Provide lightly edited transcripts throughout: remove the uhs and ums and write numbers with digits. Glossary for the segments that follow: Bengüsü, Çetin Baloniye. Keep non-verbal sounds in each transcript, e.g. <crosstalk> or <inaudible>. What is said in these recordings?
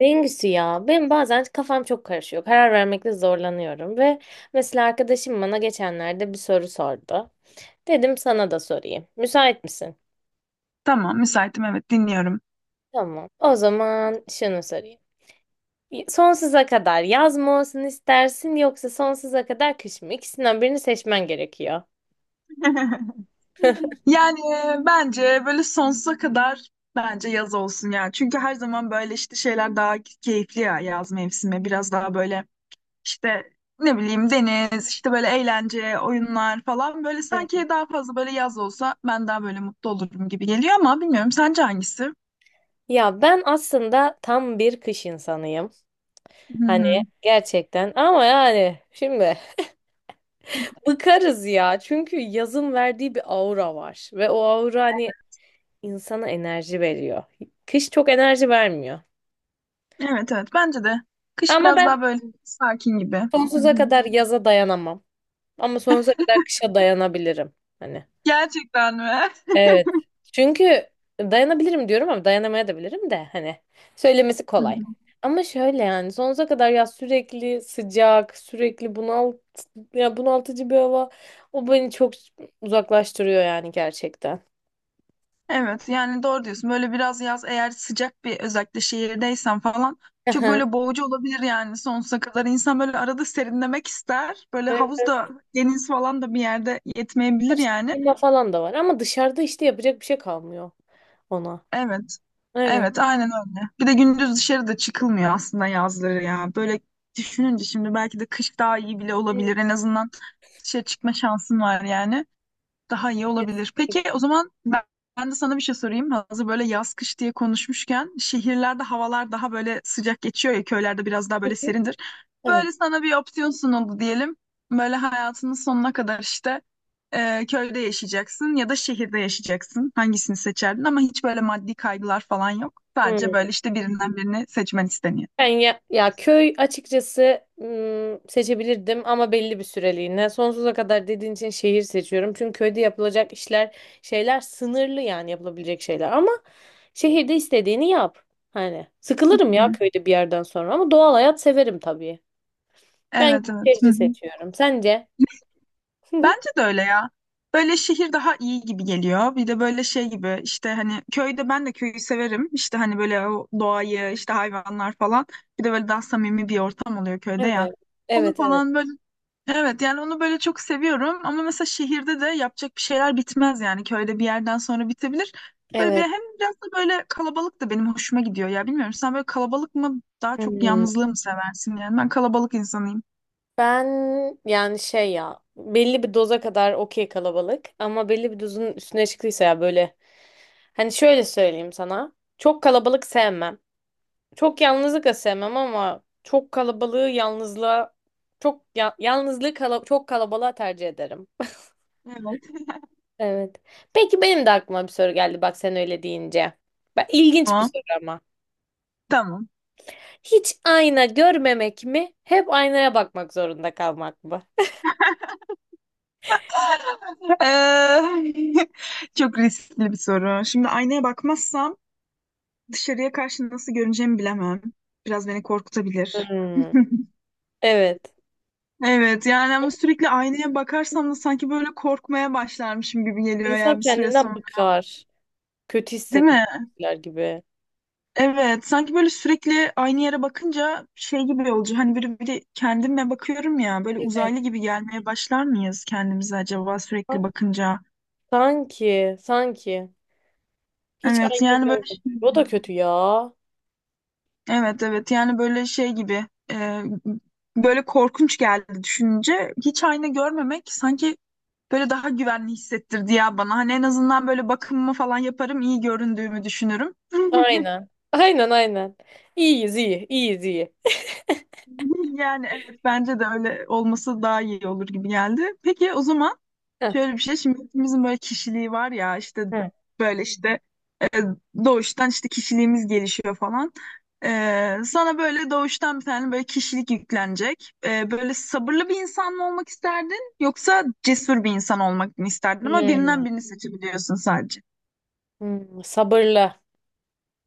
Bengüsü ya. Ben bazen kafam çok karışıyor. Karar vermekte zorlanıyorum ve mesela arkadaşım bana geçenlerde bir soru sordu. Dedim sana da sorayım. Müsait misin? Tamam, müsaitim, evet, dinliyorum. Tamam. O zaman şunu sorayım. Sonsuza kadar yaz mı olsun istersin yoksa sonsuza kadar kış mı? İkisinden birini seçmen gerekiyor. <laughs> Yani, bence böyle sonsuza kadar bence yaz olsun ya. Çünkü her zaman böyle işte şeyler daha keyifli ya, yaz mevsimi. Biraz daha böyle işte ne bileyim deniz, işte böyle eğlence, oyunlar falan. Böyle Evet. sanki daha fazla böyle yaz olsa ben daha böyle mutlu olurum gibi geliyor ama bilmiyorum, sence hangisi? Ya ben aslında tam bir kış insanıyım. Hı Hani hı. gerçekten ama yani şimdi <laughs> bıkarız ya. Çünkü yazın verdiği bir aura var ve o aura hani insana enerji veriyor. Kış çok enerji vermiyor. Evet evet, bence de. Kış Ama biraz ben daha böyle sakin gibi. Hı sonsuza hı. kadar yaza dayanamam. Ama sonsuza kadar kışa dayanabilirim. Hani. Gerçekten mi? Evet. Çünkü dayanabilirim diyorum ama dayanamaya da bilirim de, hani söylemesi <laughs> Hı kolay. hı. Ama şöyle yani sonsuza kadar ya sürekli sıcak, sürekli bunaltıcı bir hava, o beni çok uzaklaştırıyor yani gerçekten. Evet, yani doğru diyorsun. Böyle biraz yaz eğer sıcak, bir özellikle şehirdeysen falan çok Aha. böyle boğucu olabilir yani sonsuza kadar. İnsan böyle arada serinlemek ister. Böyle Böyle havuz da deniz falan da bir yerde yetmeyebilir birazcık yani. klima falan da var ama dışarıda işte yapacak bir şey kalmıyor ona. Evet. Evet. Evet aynen öyle. Bir de gündüz dışarıda çıkılmıyor aslında yazları ya. Böyle düşününce şimdi belki de kış daha iyi bile olabilir. En azından dışarı çıkma şansın var yani. Daha iyi olabilir. Peki o zaman ben, ben de sana bir şey sorayım. Hazır böyle yaz kış diye konuşmuşken şehirlerde havalar daha böyle sıcak geçiyor ya, köylerde biraz daha böyle Hı. serindir. Evet. Böyle sana bir opsiyon sunuldu diyelim. Böyle hayatının sonuna kadar işte köyde yaşayacaksın ya da şehirde yaşayacaksın. Hangisini seçerdin ama hiç böyle maddi kaygılar falan yok. Sadece Hmm. böyle işte birinden birini seçmen isteniyor. Ben ya, ya köy açıkçası seçebilirdim ama belli bir süreliğine. Sonsuza kadar dediğin için şehir seçiyorum. Çünkü köyde yapılacak işler, şeyler sınırlı yani yapılabilecek şeyler. Ama şehirde istediğini yap. Hani sıkılırım ya Hı. köyde bir yerden sonra ama doğal hayat severim tabii. Ben Evet evet. Hı şehri hı. seçiyorum. Sence? Bence <laughs> de öyle ya. Böyle şehir daha iyi gibi geliyor. Bir de böyle şey gibi işte hani köyde, ben de köyü severim. İşte hani böyle o doğayı işte, hayvanlar falan. Bir de böyle daha samimi bir ortam oluyor köyde ya. Evet. Onu Evet, evet. falan böyle evet yani onu böyle çok seviyorum. Ama mesela şehirde de yapacak bir şeyler bitmez yani. Köyde bir yerden sonra bitebilir. Böyle bir Evet. hem biraz da böyle kalabalık da benim hoşuma gidiyor ya. Bilmiyorum sen böyle kalabalık mı daha çok, Hmm. yalnızlığı mı seversin yani. Ben kalabalık insanıyım. Ben yani şey ya belli bir doza kadar okey kalabalık ama belli bir dozun üstüne çıktıysa ya böyle hani şöyle söyleyeyim sana, çok kalabalık sevmem. Çok yalnızlık da sevmem ama çok kalabalığı yalnızlığa çok yalnızlığı çok kalabalığa tercih ederim. Evet. Evet. Peki benim de aklıma bir soru geldi, bak sen öyle deyince. Ben, ilginç bir Tamam. soru ama. Tamam. Hiç ayna görmemek mi? Hep aynaya bakmak zorunda kalmak mı? Eee, <laughs> çok riskli bir soru. Şimdi aynaya bakmazsam dışarıya karşı nasıl görüneceğimi bilemem. Biraz beni korkutabilir. <laughs> Hmm, Evet. Evet, yani ama sürekli aynaya bakarsam da sanki böyle korkmaya başlarmışım gibi geliyor ya İnsan bir süre kendinden sonra. bıkar. Kötü Değil mi? hissetmekler gibi. Evet, sanki böyle sürekli aynı yere bakınca şey gibi olacak. Hani böyle bir kendime bakıyorum ya, böyle Evet. uzaylı gibi gelmeye başlar mıyız kendimize acaba sürekli bakınca? Sanki, sanki. Hiç Evet aynı yani böyle şey. görmedim. O da kötü ya. Evet evet yani böyle şey gibi böyle korkunç geldi düşününce. Hiç ayna görmemek sanki böyle daha güvenli hissettirdi ya bana. Hani en azından böyle bakımımı falan yaparım, iyi göründüğümü düşünürüm. Aynen. Aynen aynen. İyiyiz iyi. İyiyiz iyi. <laughs> Yani evet, bence de öyle olması daha iyi olur gibi geldi. Peki o zaman Heh. şöyle bir şey, şimdi hepimizin böyle kişiliği var ya işte Hı. böyle işte E, doğuştan işte kişiliğimiz gelişiyor falan. E, sana böyle doğuştan bir tane böyle kişilik yüklenecek. Böyle sabırlı bir insan mı olmak isterdin yoksa cesur bir insan olmak mı isterdin? Ama birinden Hmm. birini seçebiliyorsun sadece. Sabırlı.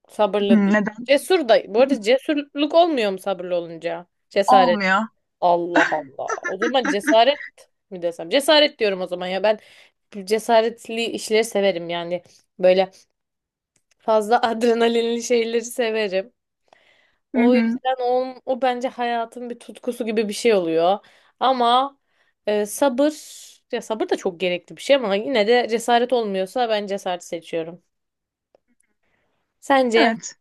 Sabırlı Hmm, değil. neden? Cesur da. Bu arada cesurluk olmuyor mu sabırlı olunca? Cesaret. Olmuyor. Allah Allah. O zaman cesaret mi desem? Cesaret diyorum o zaman ya. Ben cesaretli işleri severim yani. Böyle fazla <laughs> adrenalinli şeyleri severim. Hı O hı. yüzden o bence hayatın bir tutkusu gibi bir şey oluyor. Ama sabır, ya sabır da çok gerekli bir şey ama yine de cesaret olmuyorsa ben cesaret seçiyorum. Sence? Evet.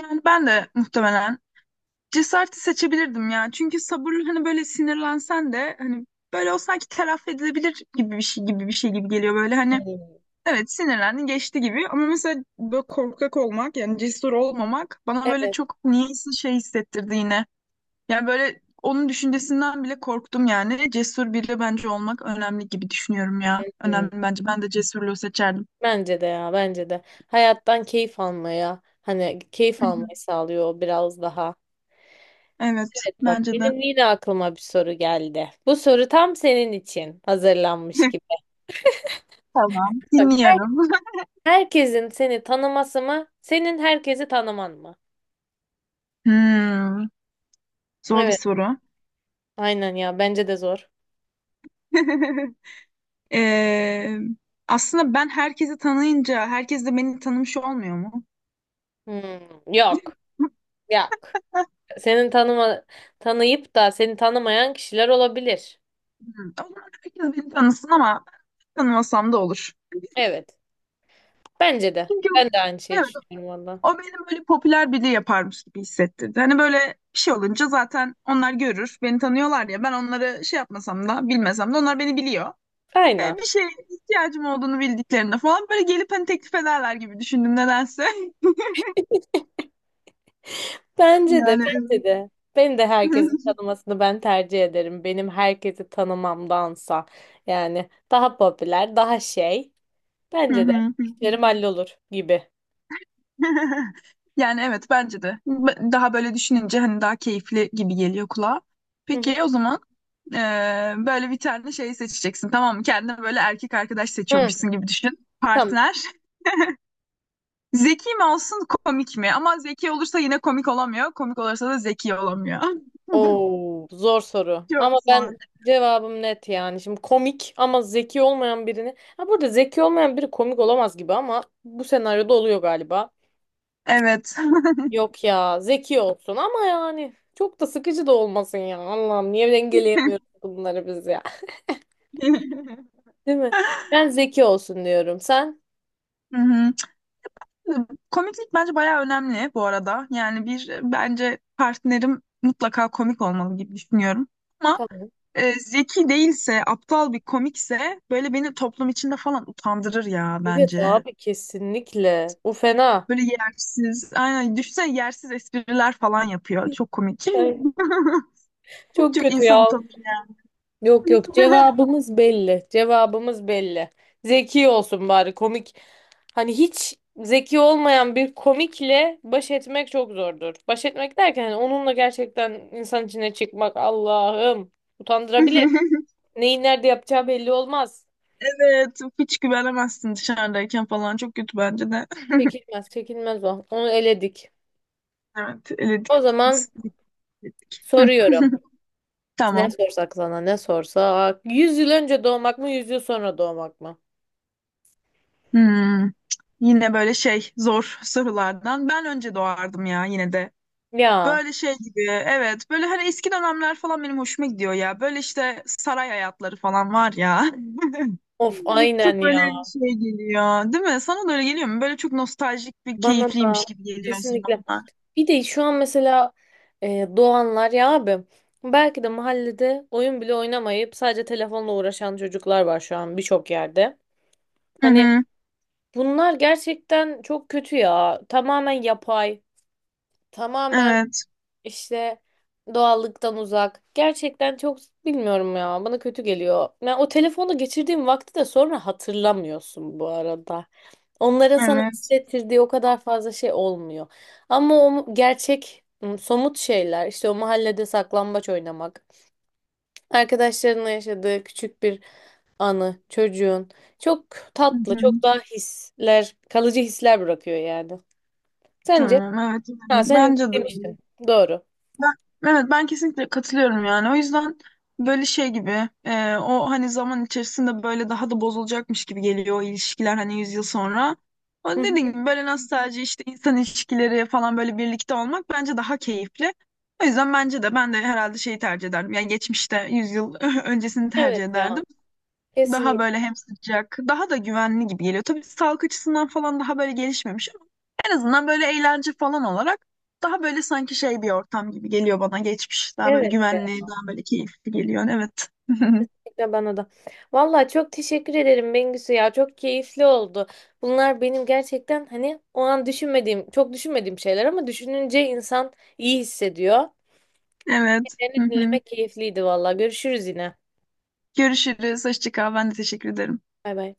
Yani ben de muhtemelen cesareti seçebilirdim ya. Çünkü sabır hani böyle sinirlensen de hani böyle o sanki telafi edilebilir gibi bir şey gibi geliyor böyle hani. Hmm. Evet sinirlendin geçti gibi, ama mesela böyle korkak olmak yani cesur olmamak bana böyle Evet. çok niyeyse şey hissettirdi yine. Yani böyle onun düşüncesinden bile korktum yani. Cesur biri bence olmak önemli gibi düşünüyorum ya. Hmm. Önemli bence. Ben de cesurluğu seçerdim. Bence de ya, bence de. Hayattan keyif almaya, hani keyif Hı hı. almayı sağlıyor biraz daha. Evet Evet. Bak, bence de. benim yine aklıma bir soru geldi. Bu soru tam senin için hazırlanmış gibi. <laughs> Tamam, Bak, dinliyorum. <laughs> herkesin seni tanıması mı? Senin herkesi tanıman mı? Hmm, zor bir Evet. soru. Aynen ya. Bence de zor. <laughs> Ee, aslında ben herkesi tanıyınca herkes de beni tanımış olmuyor mu? Hmm, yok. Hmm. Yok. Senin tanıma, tanıyıp da seni tanımayan kişiler olabilir. O zaman herkes beni tanısın ama tanımasam da olur. Evet. Bence de. Çünkü Ben de aynı şeyi evet, düşünüyorum valla. o benim böyle popüler biri yaparmış gibi hissettirdi. Hani böyle bir şey olunca zaten onlar görür. Beni tanıyorlar ya, ben onları şey yapmasam da, bilmesem de onlar beni biliyor. Aynen. Bir şeye ihtiyacım olduğunu bildiklerinde falan böyle gelip hani teklif ederler gibi düşündüm nedense. <laughs> Bence de. Yani Bence evet. de. Ben de herkesin <laughs> tanımasını ben tercih ederim. Benim herkesi tanımamdansa. Yani daha popüler, daha şey. Hı Bence de. hı. İşlerim hallolur gibi. <laughs> Yani evet bence de. B- Daha böyle düşününce hani daha keyifli gibi geliyor kulağa. Hı hı. Peki o zaman böyle bir tane şey seçeceksin tamam mı? Kendine böyle erkek arkadaş Hı. seçiyormuşsun gibi düşün. Partner. <laughs> Zeki mi olsun komik mi? Ama zeki olursa yine komik olamıyor. Komik olursa da zeki olamıyor. Oo, zor soru. <laughs> Çok Ama zor. ben cevabım net yani. Şimdi komik ama zeki olmayan birini. Ha, burada zeki olmayan biri komik olamaz gibi ama bu senaryoda oluyor galiba. Evet. Yok ya, zeki olsun ama yani çok da sıkıcı da olmasın ya. Allah'ım niye dengeleyemiyoruz <laughs> bunları biz ya. <laughs> Değil mi? Ben zeki olsun diyorum. Sen? Hı hı. Komiklik bence bayağı önemli bu arada. Yani bir bence partnerim mutlaka komik olmalı gibi düşünüyorum. Ama Tamam. Zeki değilse, aptal bir komikse böyle beni toplum içinde falan utandırır ya Evet bence. abi, kesinlikle. Bu fena. Böyle yersiz, aynen düşünsene yersiz espriler falan yapıyor. Çok komik. Ay. <laughs> Çok Çok kötü insan ya. utanır Yok, yok, yani. cevabımız belli. Cevabımız belli. Zeki olsun bari komik. Hani hiç zeki olmayan bir komikle baş etmek çok zordur. Baş etmek derken hani onunla gerçekten insan içine çıkmak, Allah'ım, utandırabilir. <laughs> Neyi nerede yapacağı belli olmaz. Evet, hiç güvenemezsin dışarıdayken falan. Çok kötü bence de. <laughs> Çekilmez, çekilmez o. Onu eledik. Evet, eledik. O zaman Biz eledik. Hı. soruyorum. <laughs> Ne Tamam. sorsak sana, ne sorsak. 100 yıl önce doğmak mı 100 yıl sonra doğmak mı? Hmm. Yine böyle şey, zor sorulardan. Ben önce doğardım ya yine de. Ya Böyle şey gibi evet, böyle hani eski dönemler falan benim hoşuma gidiyor ya. Böyle işte saray hayatları falan var ya. <laughs> of, aynen Çok ya. böyle şey geliyor değil mi? Sana da öyle geliyor mu? Böyle çok nostaljik bir Bana da keyifliymiş gibi geliyor o kesinlikle. zamanlar. Bir de şu an mesela doğanlar ya abi, belki de mahallede oyun bile oynamayıp sadece telefonla uğraşan çocuklar var şu an birçok yerde. Hı Hani hı. bunlar gerçekten çok kötü ya. Tamamen yapay. Tamamen Evet. işte doğallıktan uzak. Gerçekten çok bilmiyorum ya. Bana kötü geliyor. Yani o telefonda geçirdiğim vakti de sonra hatırlamıyorsun bu arada. Onların sana Evet. hissettirdiği o kadar fazla şey olmuyor. Ama o gerçek somut şeyler, işte o mahallede saklambaç oynamak, arkadaşlarınla yaşadığı küçük bir anı, çocuğun çok Hı tatlı, hı. çok daha hisler, kalıcı hisler bırakıyor yani. Sence? Tamam evet, Ha, yani sen bence de demiştin. öyle. Doğru. Ben, evet ben kesinlikle katılıyorum yani. O yüzden böyle şey gibi o hani zaman içerisinde böyle daha da bozulacakmış gibi geliyor o ilişkiler, hani 100 yıl sonra. Hı O dediğim hı. gibi böyle nostalji işte insan ilişkileri falan böyle birlikte olmak bence daha keyifli. O yüzden bence de, ben de herhalde şeyi tercih ederdim. Yani geçmişte 100 yıl <laughs> öncesini tercih Evet ya. ederdim. Daha böyle Kesinlikle. hem sıcak, daha da güvenli gibi geliyor. Tabii sağlık açısından falan daha böyle gelişmemiş, en azından böyle eğlence falan olarak daha böyle sanki şey bir ortam gibi geliyor bana geçmiş. Daha böyle Evet ya. güvenli, daha böyle keyifli geliyor. Evet. <laughs> Kesinlikle bana da. Vallahi çok teşekkür ederim Bengüsü ya. Çok keyifli oldu. Bunlar benim gerçekten hani o an düşünmediğim, çok düşünmediğim şeyler ama düşününce insan iyi hissediyor. Evet. Hı Seni hı. dinlemek keyifliydi vallahi. Görüşürüz yine. Görüşürüz. Hoşça kal. Ben de teşekkür ederim. Bay bay.